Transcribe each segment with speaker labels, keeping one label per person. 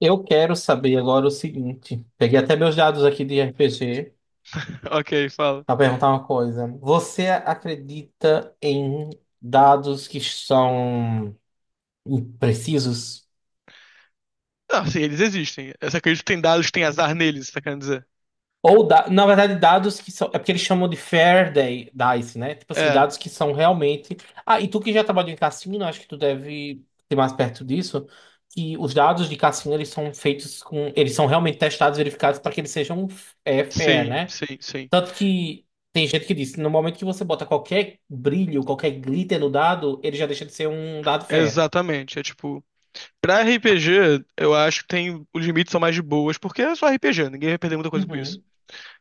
Speaker 1: Eu quero saber agora o seguinte. Peguei até meus dados aqui de RPG
Speaker 2: Ok, fala.
Speaker 1: para perguntar uma coisa. Você acredita em dados que são imprecisos?
Speaker 2: Não, sim, eles existem. Eu só acredito que tem dados que tem azar neles, tá querendo dizer?
Speaker 1: Ou, na verdade, dados que são. É porque eles chamam de dice, né? Tipo assim,
Speaker 2: É,
Speaker 1: dados que são realmente. Ah, e tu que já trabalhou em cassino, acho que tu deve ser mais perto disso. Que os dados de cassino, eles são feitos com. Eles são realmente testados, verificados para que eles sejam fair,
Speaker 2: sim,
Speaker 1: né?
Speaker 2: sim, sim.
Speaker 1: Tanto que tem gente que disse, no momento que você bota qualquer brilho, qualquer glitter no dado, ele já deixa de ser um dado fé.
Speaker 2: Exatamente. É tipo, pra RPG, eu acho que tem, os limites são mais de boas, porque é só RPG, ninguém vai perder muita coisa com isso.
Speaker 1: Uhum,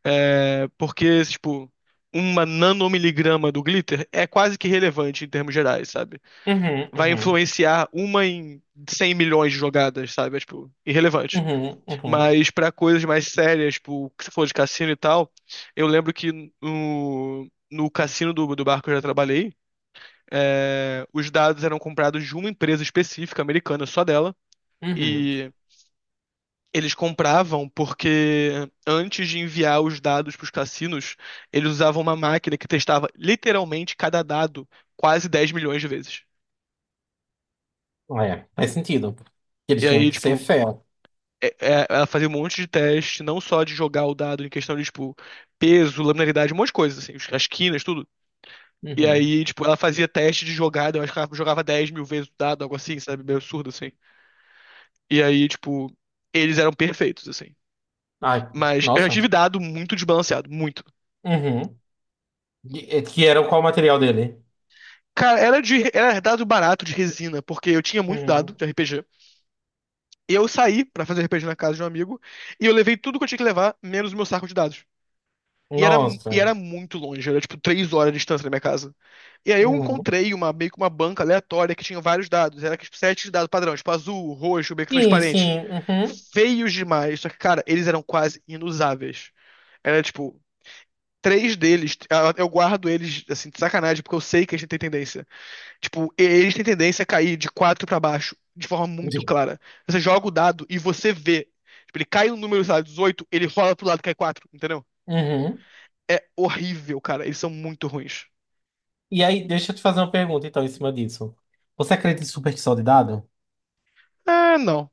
Speaker 2: É, porque, tipo, uma nanomiligrama do glitter é quase que relevante em termos gerais, sabe?
Speaker 1: uhum,
Speaker 2: Vai
Speaker 1: uhum,
Speaker 2: influenciar uma em 100 milhões de jogadas, sabe? É, tipo, irrelevante.
Speaker 1: uhum, uhum,
Speaker 2: Mas pra coisas mais sérias, tipo, que você falou de cassino e tal, eu lembro que no cassino do barco que eu já trabalhei, é, os dados eram comprados de uma empresa específica americana, só dela,
Speaker 1: uhum.
Speaker 2: e eles compravam porque antes de enviar os dados para os cassinos, eles usavam uma máquina que testava literalmente cada dado quase 10 milhões de vezes.
Speaker 1: É, faz sentido. Que
Speaker 2: E
Speaker 1: eles tinham
Speaker 2: aí,
Speaker 1: que ser
Speaker 2: tipo,
Speaker 1: fé.
Speaker 2: ela fazia um monte de teste, não só de jogar o dado em questão de, tipo, peso, laminaridade, um monte de coisa, assim, as quinas, tudo. E
Speaker 1: Uhum.
Speaker 2: aí, tipo, ela fazia teste de jogada, eu acho que ela jogava 10 mil vezes o dado, algo assim, sabe? Meio absurdo, assim. E aí, tipo, eles eram perfeitos, assim.
Speaker 1: Ai,
Speaker 2: Mas eu já
Speaker 1: nossa.
Speaker 2: tive dado muito desbalanceado, muito.
Speaker 1: Uhum. Que era qual o material dele?
Speaker 2: Cara, era dado barato de resina, porque eu tinha muito dado
Speaker 1: Uhum.
Speaker 2: de RPG. E eu saí pra fazer RPG na casa de um amigo, e eu levei tudo que eu tinha que levar, menos o meu saco de dados. E era,
Speaker 1: Nossa.
Speaker 2: e era muito longe, era tipo 3 horas de distância da minha casa. E aí eu
Speaker 1: Uhum.
Speaker 2: encontrei uma, meio que uma banca aleatória que tinha vários dados. Era tipo, sete dados padrão, tipo azul, roxo, meio que
Speaker 1: Sim,
Speaker 2: transparente.
Speaker 1: sim. Uhum.
Speaker 2: Feios demais. Só que, cara, eles eram quase inusáveis. Era tipo, três deles, ah, eu guardo eles assim, de sacanagem, porque eu sei que eles têm tendência. Tipo, eles têm tendência a cair de quatro pra baixo, de forma muito clara. Você joga o dado e você vê. Tipo, ele cai no número, sei lá, 18, ele rola pro lado e cai quatro, entendeu?
Speaker 1: Uhum.
Speaker 2: É horrível, cara. Eles são muito ruins.
Speaker 1: E aí, deixa eu te fazer uma pergunta, então, em cima disso. Você acredita em superstição de dado?
Speaker 2: É, não.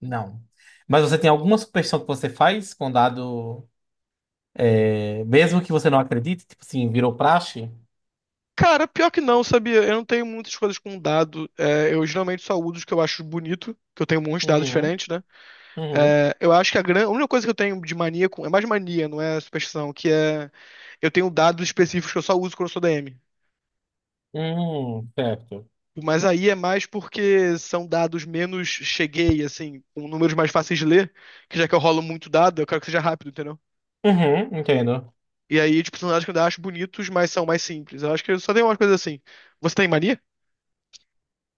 Speaker 1: Não. Mas você tem alguma superstição que você faz com dado, mesmo que você não acredite, tipo assim, virou praxe?
Speaker 2: Cara, pior que não, sabia? Eu não tenho muitas coisas com dado. É, eu geralmente só uso os que eu acho bonito, que eu tenho muitos dados
Speaker 1: Uhum,
Speaker 2: diferentes, né?
Speaker 1: uhum,
Speaker 2: É, eu acho que a única coisa que eu tenho de mania com. É mais mania, não é superstição, que é. Eu tenho dados específicos que eu só uso quando eu sou DM.
Speaker 1: uhum, certo.
Speaker 2: Mas aí é mais porque são dados menos cheguei, assim, com números mais fáceis de ler, que já que eu rolo muito dado, eu quero que seja rápido, entendeu?
Speaker 1: Uhum, entendo.
Speaker 2: E aí, de personagens que eu ainda acho bonitos, mas são mais simples. Eu acho que eu só tem umas coisas assim. Você tem mania?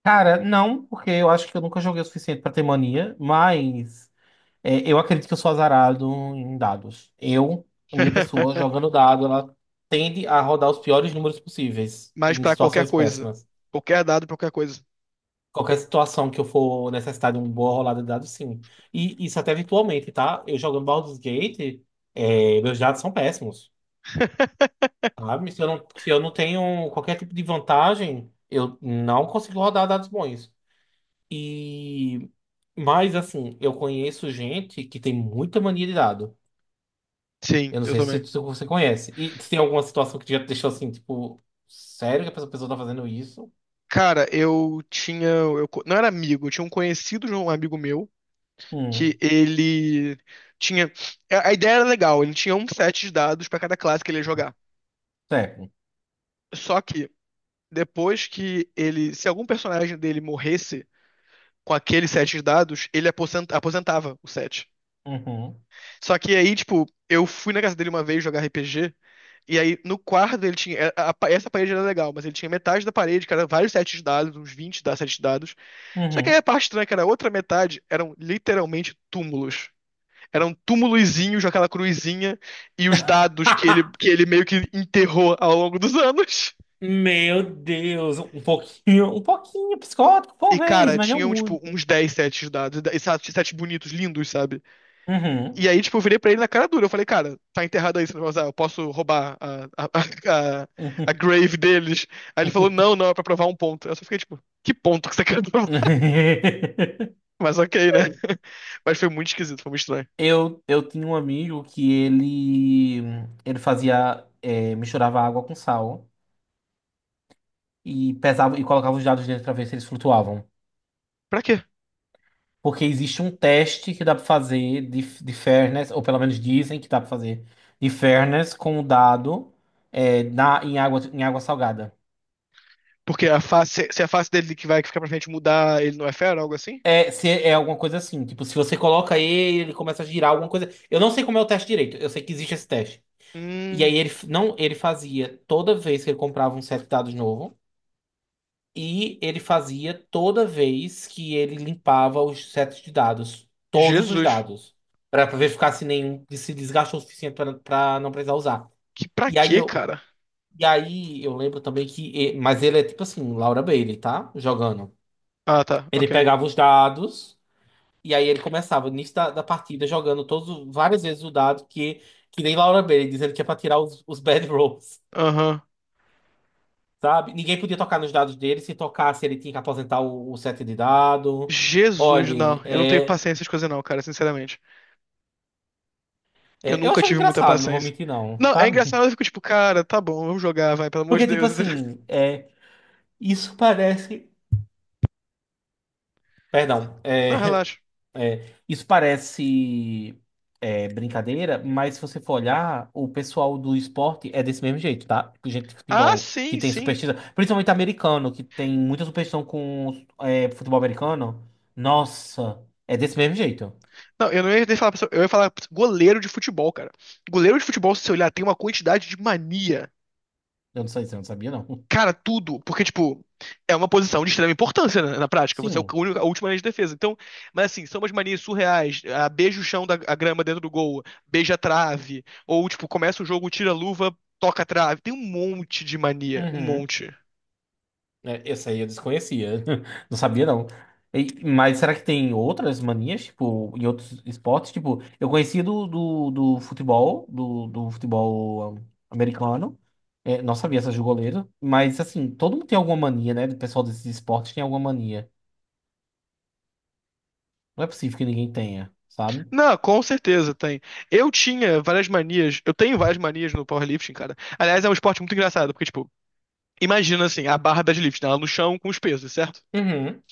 Speaker 1: Cara, não, porque eu acho que eu nunca joguei o suficiente pra ter mania, mas eu acredito que eu sou azarado em dados. Eu, a minha pessoa, jogando dado, ela tende a rodar os piores números possíveis
Speaker 2: Mas
Speaker 1: em
Speaker 2: pra qualquer
Speaker 1: situações
Speaker 2: coisa.
Speaker 1: péssimas.
Speaker 2: Qualquer dado, pra qualquer coisa.
Speaker 1: Qualquer situação que eu for necessitar de uma boa rolada de dados, sim. E isso até virtualmente, tá? Eu jogando Baldur's Gate, meus dados são péssimos, sabe? Se eu não tenho qualquer tipo de vantagem, eu não consigo rodar dados bons. E... Mas, assim, eu conheço gente que tem muita mania de dado.
Speaker 2: Sim,
Speaker 1: Eu não
Speaker 2: eu
Speaker 1: sei
Speaker 2: também.
Speaker 1: se você conhece. E se tem alguma situação que já te deixou assim, tipo, sério que essa pessoa tá fazendo isso?
Speaker 2: Cara, eu tinha. Eu, não era amigo, eu tinha um conhecido de um amigo meu que
Speaker 1: Hum,
Speaker 2: ele tinha. A ideia era legal, ele tinha um set de dados pra cada classe que ele ia jogar.
Speaker 1: sério.
Speaker 2: Só que, depois que ele. Se algum personagem dele morresse com aquele set de dados, ele aposentava o set.
Speaker 1: Uhum,
Speaker 2: Só que aí, tipo, eu fui na casa dele uma vez jogar RPG. E aí, no quarto, ele tinha. É, a essa parede era legal, mas ele tinha metade da parede, que era vários sets de dados, uns 20 da sete de dados. Só que aí
Speaker 1: uhum.
Speaker 2: a parte estranha, é que era a outra metade, eram literalmente túmulos. Eram túmulozinhos, aquela cruzinha, e os dados que ele, que ele meio que enterrou ao longo dos anos.
Speaker 1: Meu Deus, um pouquinho psicótico,
Speaker 2: E,
Speaker 1: talvez,
Speaker 2: cara,
Speaker 1: mas não
Speaker 2: tinham, tipo,
Speaker 1: muito.
Speaker 2: uns 10 sets de dados, e sete bonitos, lindos, sabe? E
Speaker 1: Uhum.
Speaker 2: aí, tipo, eu virei pra ele na cara dura. Eu falei, cara, tá enterrado aí esse negócio, ah, eu posso roubar a
Speaker 1: Uhum.
Speaker 2: grave deles. Aí ele falou, não, não, é pra provar um ponto. Eu só fiquei, tipo, que ponto que você quer provar? Mas ok, né? Mas foi muito esquisito, foi muito estranho.
Speaker 1: Eu tinha um amigo que ele fazia misturava água com sal e pesava e colocava os dados dentro para ver se eles flutuavam.
Speaker 2: Pra quê?
Speaker 1: Porque existe um teste que dá para fazer de fairness, ou pelo menos dizem que dá para fazer de fairness com o dado em água salgada.
Speaker 2: Porque a face, se a face dele que vai ficar pra frente mudar, ele não é fera, algo assim?
Speaker 1: É, se é alguma coisa assim. Tipo, se você coloca ele, ele começa a girar alguma coisa. Eu não sei como é o teste direito. Eu sei que existe esse teste. E
Speaker 2: Hum,
Speaker 1: aí não, ele fazia toda vez que ele comprava um set de dados novo. E ele fazia toda vez que ele limpava os sets de dados. Todos os
Speaker 2: Jesus.
Speaker 1: dados. Pra ver ficar se nenhum se desgastou o suficiente pra não precisar usar.
Speaker 2: Que pra
Speaker 1: E aí
Speaker 2: quê,
Speaker 1: eu.
Speaker 2: cara?
Speaker 1: E aí eu lembro também Mas ele é tipo assim, Laura Bailey, tá? Jogando.
Speaker 2: Ah, tá,
Speaker 1: Ele
Speaker 2: ok.
Speaker 1: pegava os dados. E aí ele começava, no início da partida, jogando todos, várias vezes o dado que nem Laura Bailey, dizendo que é pra tirar os bad rolls,
Speaker 2: Aham.
Speaker 1: sabe? Ninguém podia tocar nos dados dele, se tocasse ele tinha que aposentar o set de dado.
Speaker 2: Jesus, não.
Speaker 1: Olhe,
Speaker 2: Eu não tenho paciência com essas coisas não, cara, sinceramente. Eu
Speaker 1: eu
Speaker 2: nunca
Speaker 1: achava
Speaker 2: tive muita
Speaker 1: engraçado, não vou
Speaker 2: paciência.
Speaker 1: mentir não,
Speaker 2: Não, é
Speaker 1: sabe?
Speaker 2: engraçado, eu fico tipo, cara, tá bom, vamos jogar, vai, pelo amor de
Speaker 1: Porque, tipo
Speaker 2: Deus.
Speaker 1: assim, isso parece... Perdão,
Speaker 2: Não,
Speaker 1: é.
Speaker 2: relaxa.
Speaker 1: É, isso parece brincadeira, mas se você for olhar, o pessoal do esporte é desse mesmo jeito, tá? Tipo, gente de
Speaker 2: Ah,
Speaker 1: futebol que
Speaker 2: sim,
Speaker 1: tem
Speaker 2: sim.
Speaker 1: superstição, principalmente americano, que tem muita superstição com futebol americano. Nossa, é desse mesmo jeito.
Speaker 2: Não, eu não ia nem falar, eu ia falar goleiro de futebol, cara. Goleiro de futebol, se você olhar, tem uma quantidade de mania.
Speaker 1: Eu não sei, se eu não sabia, não.
Speaker 2: Cara, tudo, porque, tipo, é uma posição de extrema importância na prática. Você é o
Speaker 1: Sim.
Speaker 2: único, a última linha de defesa. Então, mas assim, são umas manias surreais. Ah, beija o chão da a grama dentro do gol, beija a trave, ou, tipo, começa o jogo, tira a luva, toca a trave. Tem um monte de mania, um
Speaker 1: Uhum.
Speaker 2: monte.
Speaker 1: É, essa aí eu desconhecia. Não sabia, não. E- mas será que tem outras manias, tipo, em outros esportes? Tipo, eu conhecia do futebol, do futebol um, americano. É, não sabia essa de goleiro. Mas, assim, todo mundo tem alguma mania, né? O pessoal desses esportes tem alguma mania. Não é possível que ninguém tenha, sabe?
Speaker 2: Não, com certeza tem. Eu tinha várias manias. Eu tenho várias manias no powerlifting, cara. Aliás, é um esporte muito engraçado, porque, tipo, imagina assim, a barra deadlift, né? Ela no chão com os pesos, certo?
Speaker 1: Uhum,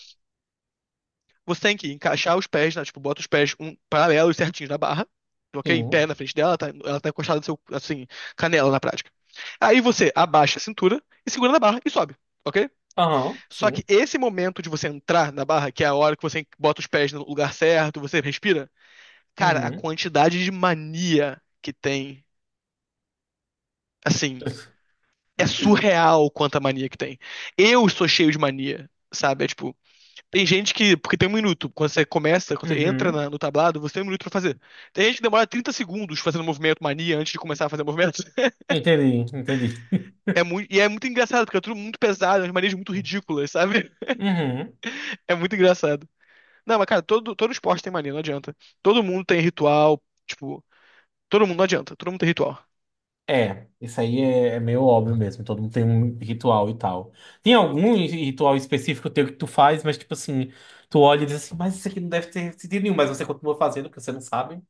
Speaker 2: Você tem que encaixar os pés, né? Tipo, bota os pés um, paralelos certinhos na barra, ok? Em pé
Speaker 1: sim.
Speaker 2: na frente dela, tá- ela tá encostada no seu, assim, canela na prática. Aí você abaixa a cintura e segura na barra e sobe, ok?
Speaker 1: Aham,
Speaker 2: Só
Speaker 1: sim.
Speaker 2: que esse momento de você entrar na barra, que é a hora que você bota os pés no lugar certo, você respira, cara, a
Speaker 1: Uhum.
Speaker 2: quantidade de mania que tem. Assim, é surreal quanta mania que tem. Eu sou cheio de mania, sabe? É tipo, tem gente que. Porque tem um minuto. Quando você começa, quando você entra
Speaker 1: Uhum.
Speaker 2: na- no tablado, você tem um minuto pra fazer. Tem gente que demora 30 segundos fazendo movimento mania antes de começar a fazer movimento.
Speaker 1: Entendi, entendi.
Speaker 2: É muito, e é muito engraçado, porque é tudo muito pesado, as manias muito ridículas, sabe?
Speaker 1: Uhum.
Speaker 2: É muito engraçado. Não, mas cara, todo esporte tem mania, não adianta. Todo mundo tem ritual, tipo, todo mundo não adianta, todo mundo tem ritual.
Speaker 1: É, isso aí é meio óbvio mesmo. Todo mundo tem um ritual e tal. Tem algum ritual específico teu que tu faz, mas tipo assim, tu olha e diz assim, mas isso aqui não deve ter sentido nenhum, mas você continua fazendo porque você não sabe.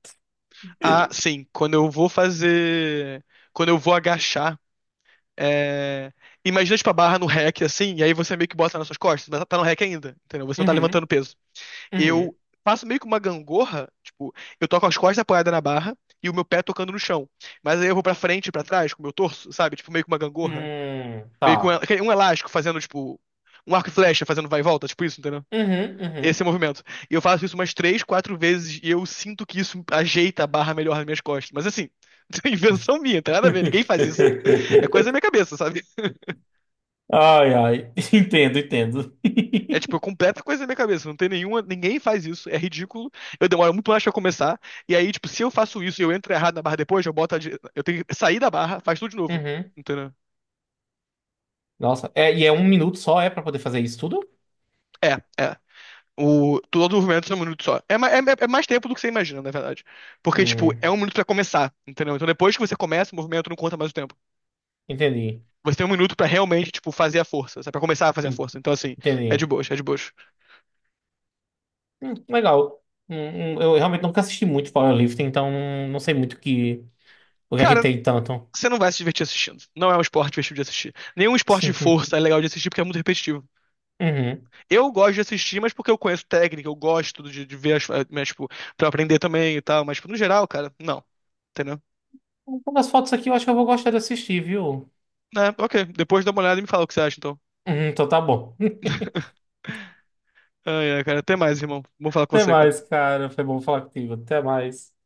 Speaker 2: Ah, sim, quando eu vou fazer. Quando eu vou agachar. É... Imagina, tipo, a barra no rack, assim, e aí você meio que bota nas suas costas, mas tá no rack ainda, entendeu? Você não tá
Speaker 1: Uhum,
Speaker 2: levantando peso. Eu
Speaker 1: uhum.
Speaker 2: faço meio que uma gangorra, tipo, eu tô com as costas apoiadas na barra e o meu pé tocando no chão. Mas aí eu vou pra frente e pra trás com o meu torso, sabe? Tipo, meio que uma gangorra. Meio que
Speaker 1: Tá.
Speaker 2: um elástico fazendo, tipo, um arco e flecha fazendo vai e volta, tipo isso, entendeu?
Speaker 1: Uhum, uhum.
Speaker 2: Esse é o movimento. E eu faço isso umas três, quatro vezes e eu sinto que isso ajeita a barra melhor nas minhas costas. Mas assim, é invenção minha, não tem nada a ver, ninguém faz isso. É coisa da minha cabeça, sabe?
Speaker 1: Ai, ai. Entendo, entendo.
Speaker 2: É tipo, é completa coisa na minha cabeça. Não tem nenhuma, ninguém faz isso, é ridículo. Eu demoro muito mais pra começar. E aí, tipo, se eu faço isso e eu entro errado na barra depois, eu boto a, dire- eu tenho que sair da barra, faz tudo de novo.
Speaker 1: Uhum.
Speaker 2: Entendeu?
Speaker 1: Nossa, é, e é um minuto só, é pra poder fazer isso tudo?
Speaker 2: É, é. O, todo o movimento é um minuto só. É mais tempo do que você imagina, na verdade. Porque, tipo, é
Speaker 1: Hum,
Speaker 2: um minuto pra começar, entendeu? Então depois que você começa, o movimento não conta mais o tempo.
Speaker 1: entendi.
Speaker 2: Você tem um minuto pra realmente, tipo, fazer a força, sabe? Pra começar a fazer a
Speaker 1: En-
Speaker 2: força. Então, assim, é de
Speaker 1: Entendi.
Speaker 2: boas, é de boas.
Speaker 1: Legal. Hum, eu realmente nunca assisti muito powerlifting, então não sei muito o que é que
Speaker 2: Cara,
Speaker 1: tem tanto.
Speaker 2: você não vai se divertir assistindo. Não é um esporte divertido de assistir. Nenhum esporte de força é legal de assistir porque é muito repetitivo.
Speaker 1: Uhum.
Speaker 2: Eu gosto de assistir, mas porque eu conheço técnica, eu gosto de ver as, eh, mas, tipo, pra aprender também e tal. Mas, tipo, no geral, cara, não. Entendeu?
Speaker 1: Então, as fotos aqui eu acho que eu vou gostar de assistir, viu?
Speaker 2: É, ok. Depois dá uma olhada e me fala o que você acha, então.
Speaker 1: Uhum, então tá bom.
Speaker 2: Ai, ai, cara. Até mais, irmão. Vou falar com
Speaker 1: Até
Speaker 2: você,
Speaker 1: mais,
Speaker 2: cara.
Speaker 1: cara. Foi bom falar contigo. Até mais.